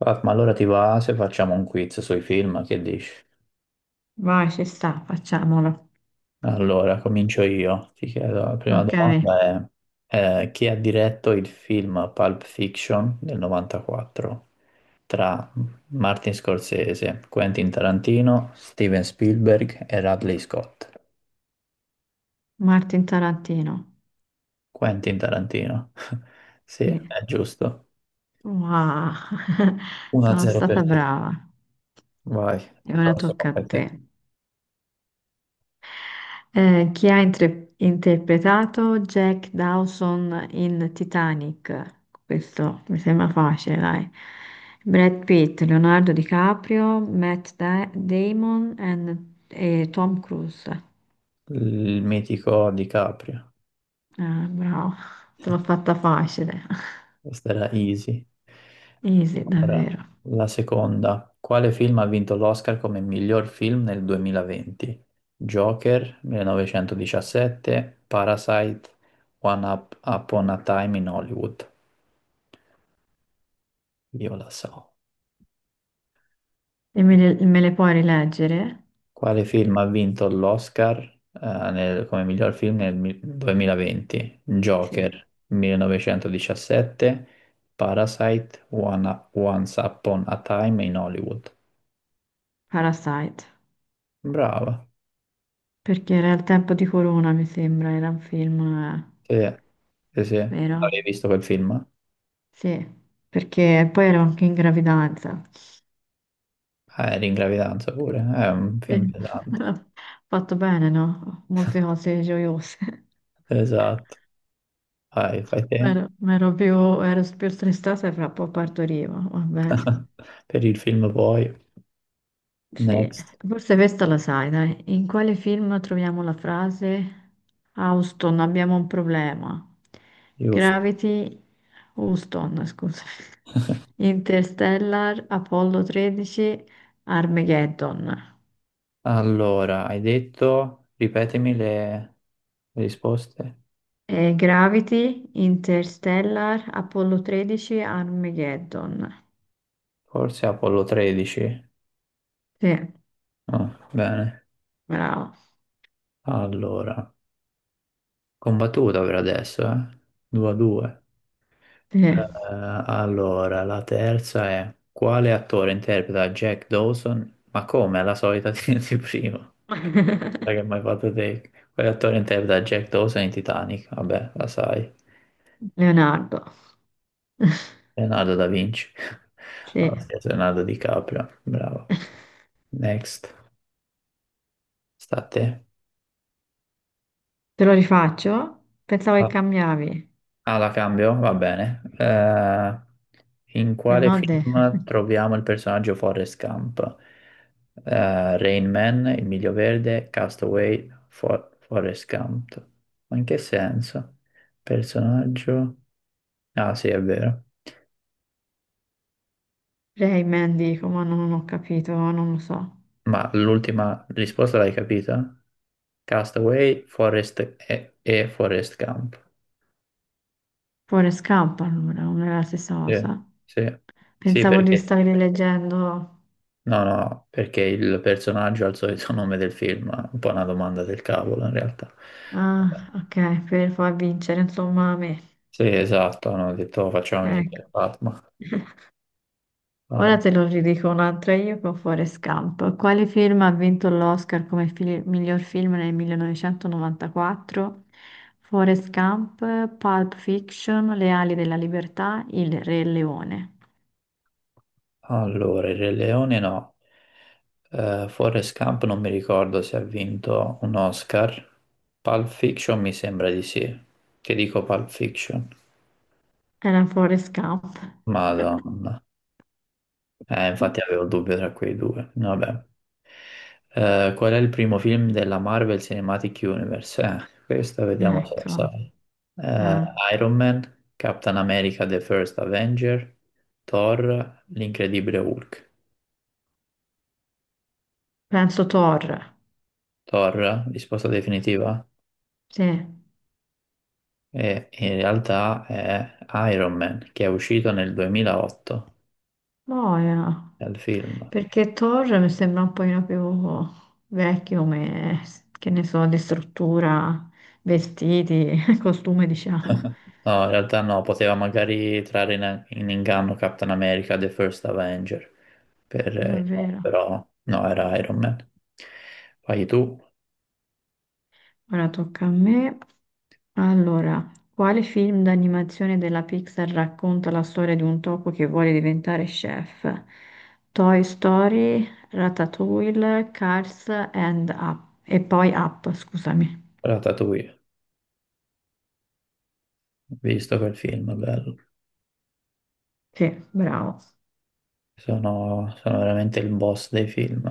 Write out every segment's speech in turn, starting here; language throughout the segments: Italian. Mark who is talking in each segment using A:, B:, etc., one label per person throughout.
A: Ah, ma allora ti va se facciamo un quiz sui film, che dici?
B: Vai, ci sta, facciamolo.
A: Allora, comincio io. Ti chiedo, la prima
B: Ok,
A: domanda è, chi ha diretto il film Pulp Fiction del 94 tra Martin Scorsese, Quentin Tarantino, Steven Spielberg e Ridley Scott?
B: Martin Tarantino.
A: Quentin Tarantino. Sì,
B: Sì.
A: è giusto.
B: Wow, sono
A: 1-0
B: stata
A: per te.
B: brava.
A: Vai,
B: E ora tocca
A: prossimo
B: a
A: per
B: te.
A: te.
B: Chi ha interpretato Jack Dawson in Titanic? Questo mi sembra facile, dai. Brad Pitt, Leonardo DiCaprio, Matt Damon e Tom Cruise.
A: Il mitico DiCaprio.
B: Ah, bravo, te l'ho fatta facile.
A: Questa era easy.
B: Easy,
A: Ora,
B: davvero.
A: la seconda. Quale film ha vinto l'Oscar come miglior film nel 2020? Joker 1917, Parasite, Upon a Time in Hollywood. Io la so.
B: E me le puoi rileggere?
A: Quale film ha vinto l'Oscar come miglior film 2020?
B: Sì,
A: Joker 1917, Parasite, Once Upon a Time in Hollywood.
B: Parasite.
A: Brava.
B: Perché era il tempo di Corona, mi sembra, era un film,
A: Sì. Sì, sì.
B: vero?
A: Avevi visto quel film?
B: Sì, perché poi ero anche in gravidanza.
A: L'ingravidanza pure, è un film
B: Sì.
A: pesante.
B: Fatto bene, no? Molte cose gioiose.
A: Esatto, vai, fai te.
B: Ero, ero più, ero più stressata e fra un po' partorivo, va bene.
A: Per il film poi,
B: Sì,
A: next,
B: forse questa la sai, dai. In quale film troviamo la frase "Houston, abbiamo un problema"?
A: giusto.
B: Gravity, Houston, scusa. Interstellar, Apollo 13, Armageddon.
A: Allora, hai detto, ripetemi le risposte.
B: E Gravity, Interstellar, Apollo 13, Armageddon.
A: Forse Apollo 13.
B: Sì,
A: Ah, bene.
B: bravo.
A: Allora, combattuta per adesso, eh? 2-2.
B: Sì.
A: Allora, la terza è: quale attore interpreta Jack Dawson? Ma come, è la solita di prima. Sai che mi hai fatto te? Quell'attore interpreta Jack Dawson in Titanic, vabbè, la sai.
B: Leonardo.
A: Leonardo da Vinci. Allora,
B: Sì.
A: sì, Leonardo DiCaprio, bravo. Next, sta a te.
B: Te lo rifaccio? Pensavo che
A: Ah,
B: cambiavi.
A: la cambio? Va bene. In
B: Se
A: quale
B: no,
A: film troviamo il personaggio Forrest Gump? Rain Man, Il Miglio Verde, Castaway, Forrest Gump. Ma in che senso? Personaggio? Ah, sì, è vero.
B: Rayman dico, ma non ho capito, non lo so.
A: Ma l'ultima risposta l'hai capita? Castaway, Forest e Forest Gump.
B: Forrest Gump allora, non è la stessa
A: Sì,
B: cosa.
A: sì, sì,
B: Pensavo di
A: perché,
B: stare leggendo.
A: no, no, perché il personaggio ha il solito nome del film, è un po' una domanda del cavolo in realtà.
B: Ah, ok, per far vincere, insomma, a me.
A: Sì, esatto, hanno detto "Oh, facciamo
B: Ecco.
A: vincere Fatma.
B: Ora
A: Al-
B: te lo ridico un'altra io con Forrest Gump. Quale film ha vinto l'Oscar come miglior film nel 1994? Forrest Gump, Pulp Fiction, Le ali della libertà, Il Re Leone.
A: Allora, il Re Leone no. Forrest Gump non mi ricordo se ha vinto un Oscar. Pulp Fiction mi sembra di sì. Che dico Pulp Fiction?
B: Era Forrest Gump.
A: Madonna. Infatti avevo il dubbio tra quei due. Vabbè. Qual è il primo film della Marvel Cinematic Universe? Questo vediamo se lo
B: Ecco,
A: sai. Eh,
B: eh,
A: Iron Man, Captain America The First Avenger, Thor, l'Incredibile Hulk.
B: penso Thor,
A: Thor, risposta definitiva?
B: sì,
A: E in realtà è Iron Man, che è uscito nel 2008,
B: boia,
A: è il film.
B: perché Thor mi sembra un pochino più vecchio come, che ne so, di struttura, vestiti, costume, diciamo,
A: No, in realtà no, poteva magari trarre in inganno Captain America The First Avenger. Per, no,
B: davvero.
A: però no, era Iron Man. Poi tu,
B: Ora tocca a me. Allora, quale film d'animazione della Pixar racconta la storia di un topo che vuole diventare chef? Toy Story, Ratatouille, Cars and Up. E poi Up, scusami.
A: Ratatouille, ho visto quel film, bello.
B: Sì, bravo.
A: Sono veramente il boss dei film.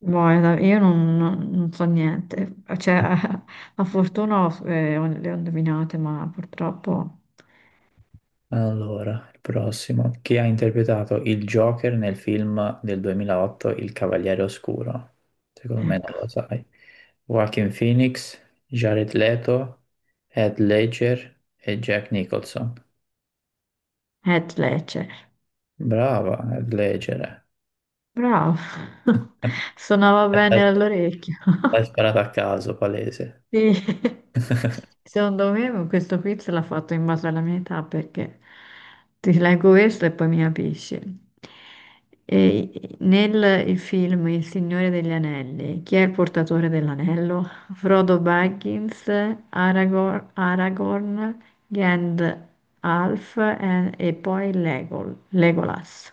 B: Boh, io non so niente. Cioè, a fortuna le ho indovinate, ma purtroppo.
A: Allora, il prossimo. Chi ha interpretato il Joker nel film del 2008, Il Cavaliere Oscuro? Secondo me non
B: Ecco.
A: lo sai. Joaquin Phoenix, Jared Leto, Heath Ledger e Jack Nicholson.
B: Heath Ledger.
A: Brava, Heath Ledger.
B: Bravo. Suonava
A: L'hai
B: bene all'orecchio.
A: l'hai sparato a caso, palese.
B: Sì. Secondo me questo quiz l'ha fatto in base alla mia età perché ti leggo questo e poi mi capisci. E nel il film Il Signore degli Anelli, chi è il portatore dell'anello? Frodo Baggins, Aragorn, Gandalf e poi Legolas.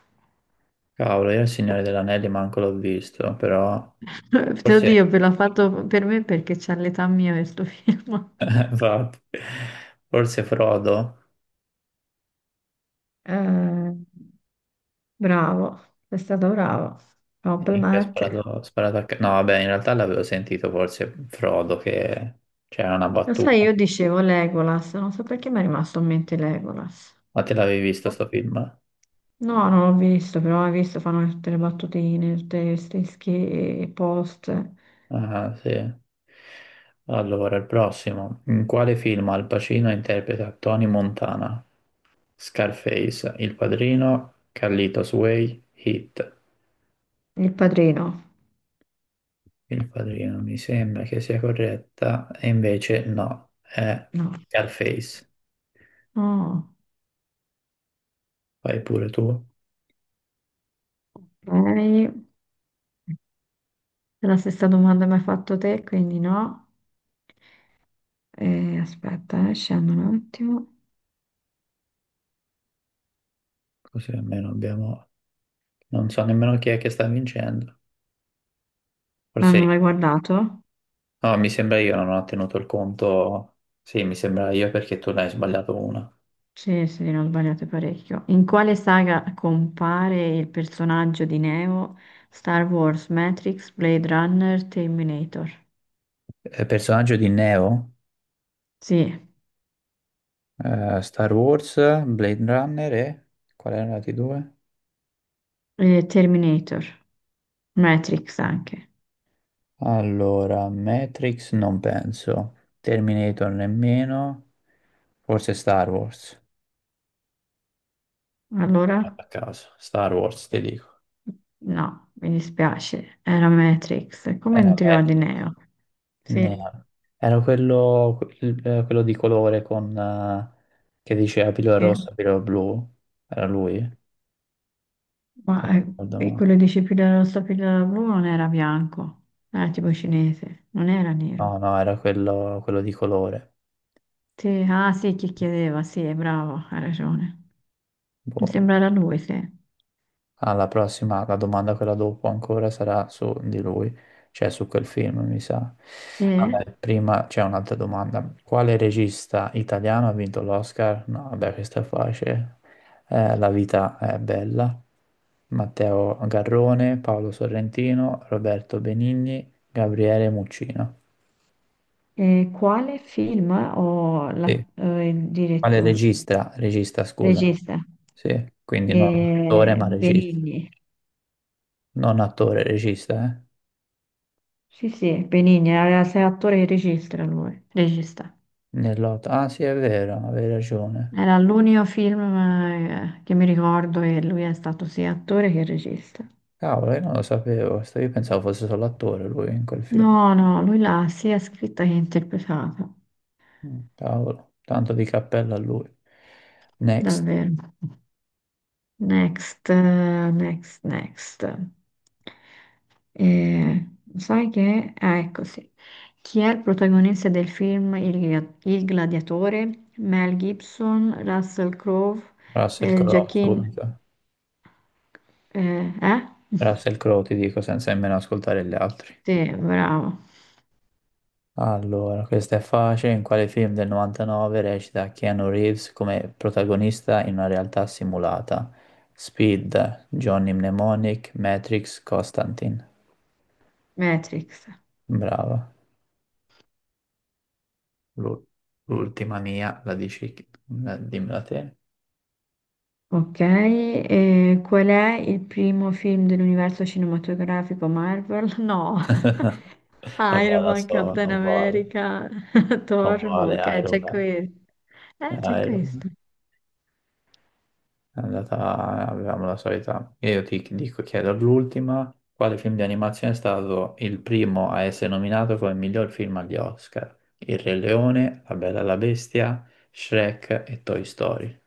A: Cavolo, io il Signore degli Anelli manco l'ho visto, però forse,
B: Oddio, ve l'ha fatto per me perché c'ha l'età mia questo film.
A: infatti, forse Frodo
B: Eh, bravo, sei stato bravo.
A: che ha
B: Complimenti.
A: sparato a... ca- No, vabbè, in realtà l'avevo sentito forse Frodo che c'era una
B: Lo
A: battuta.
B: sai, io dicevo Legolas, non so perché mi è rimasto in mente Legolas.
A: Ma te l'avevi visto sto film?
B: No, non l'ho visto, però hai visto, fanno tutte le battutine, tutti questi post.
A: Ah, sì. Allora, il prossimo. In quale film Al Pacino interpreta Tony Montana? Scarface, Il Padrino, Carlitos Way, Hit.
B: Il padrino?
A: Il Padrino mi sembra che sia corretta, e invece no, è
B: No.
A: Scarface.
B: No.
A: Fai pure tu,
B: Ok. La stessa domanda mi hai fatto te, quindi no. Aspetta, scendo un attimo.
A: così almeno abbiamo... Non so nemmeno chi è che sta vincendo.
B: Ma
A: Forse...
B: non l'hai guardato?
A: No, mi sembra io, non ho tenuto il conto... Sì, mi sembra io perché tu ne hai sbagliato una.
B: Sì, sì, ne ho sbagliato parecchio. In quale saga compare il personaggio di Neo? Star Wars, Matrix, Blade Runner, Terminator.
A: Personaggio di Neo,
B: Sì,
A: Star Wars, Blade Runner e... Qual erano i due?
B: Terminator, Matrix anche.
A: Allora, Matrix non penso, Terminator nemmeno, forse Star Wars.
B: Allora,
A: A caso, Star Wars, ti dico.
B: no, mi dispiace, era Matrix,
A: Mm.
B: come
A: Era
B: un trio
A: bello.
B: di Neo.
A: Ne-
B: Sì,
A: Era quello, quello di colore con, che diceva pillola
B: sì,
A: rossa, pillola blu. Era lui? Se
B: ma
A: non ricordo
B: e
A: male.
B: quello di Scipilla rossa, pillola blu non era bianco, era tipo cinese, non era
A: No,
B: nero.
A: no, era quello, quello di colore.
B: Sì, ah sì, chi chiedeva, sì, è bravo, ha ragione. Mi
A: Boh.
B: sembra la 2, sì.
A: Alla prossima, la domanda quella dopo ancora sarà su di lui, cioè su quel film, mi sa.
B: Sì.
A: Vabbè, prima c'è un'altra domanda. Quale regista italiano ha vinto l'Oscar? No, vabbè, questa è facile. La vita è bella. Matteo Garrone, Paolo Sorrentino, Roberto Benigni, Gabriele Muccino.
B: E quale film o
A: Sì.
B: il
A: Quale
B: direttore,
A: regista? Regista, scusa.
B: regista?
A: Sì, quindi non attore, ma regista.
B: Benigni.
A: Non attore, regista, eh?
B: Sì, sì, Benigni, era sei attore e regista lui, regista.
A: Nell'otto. Ah, sì, è vero, avevi ragione.
B: Era l'unico film che mi ricordo e lui è stato sia attore che regista.
A: Cavolo, io non lo sapevo. Sto- Io pensavo fosse solo attore lui in quel
B: No,
A: film.
B: no, lui l'ha sia scritta che interpretata,
A: Mm, cavolo, tanto di cappello a lui. Next,
B: davvero. Next, next, next. Eh, Sai che. Ah, ecco sì. Chi è il protagonista del film Il Gladiatore? Mel Gibson, Russell Crowe,
A: Russell Crowe,
B: Joaquin.
A: subito.
B: Eh?
A: Russell Crowe, ti dico, senza nemmeno ascoltare gli altri.
B: Sì, bravo.
A: Allora, questa è facile. In quale film del 99 recita Keanu Reeves come protagonista in una realtà simulata? Speed, Johnny Mnemonic, Matrix, Constantine.
B: Matrix.
A: Bravo. L'u- L'ultima mia, la dici, dimmela te.
B: Ok, qual è il primo film dell'universo cinematografico Marvel? No,
A: Vabbè,
B: Iron
A: la
B: Man,
A: so,
B: Captain
A: non vale,
B: America,
A: non
B: Thor,
A: vale
B: Hulk,
A: Iron
B: c'è qui.
A: Man. È
B: C'è
A: Iron Man.
B: questo.
A: È andata, avevamo la solita. Io ti dico, chiedo l'ultima: quale film di animazione è stato il primo a essere nominato come miglior film agli Oscar? Il Re Leone, La Bella e la Bestia, Shrek e Toy Story.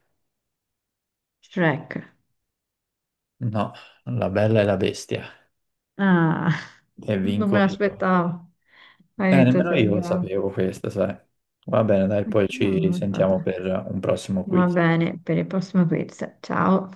B: Shrek.
A: No, La Bella e la Bestia.
B: Ah,
A: E
B: non
A: vinco
B: me
A: io.
B: l'aspettavo. Hai detto
A: Nemmeno
B: sei
A: io lo
B: bravo.
A: sapevo questo, sai. Va bene, dai,
B: Ma
A: poi
B: che
A: ci
B: bravo. Vabbè.
A: sentiamo per un prossimo
B: Va
A: quiz.
B: bene, per il prossimo quiz. Ciao.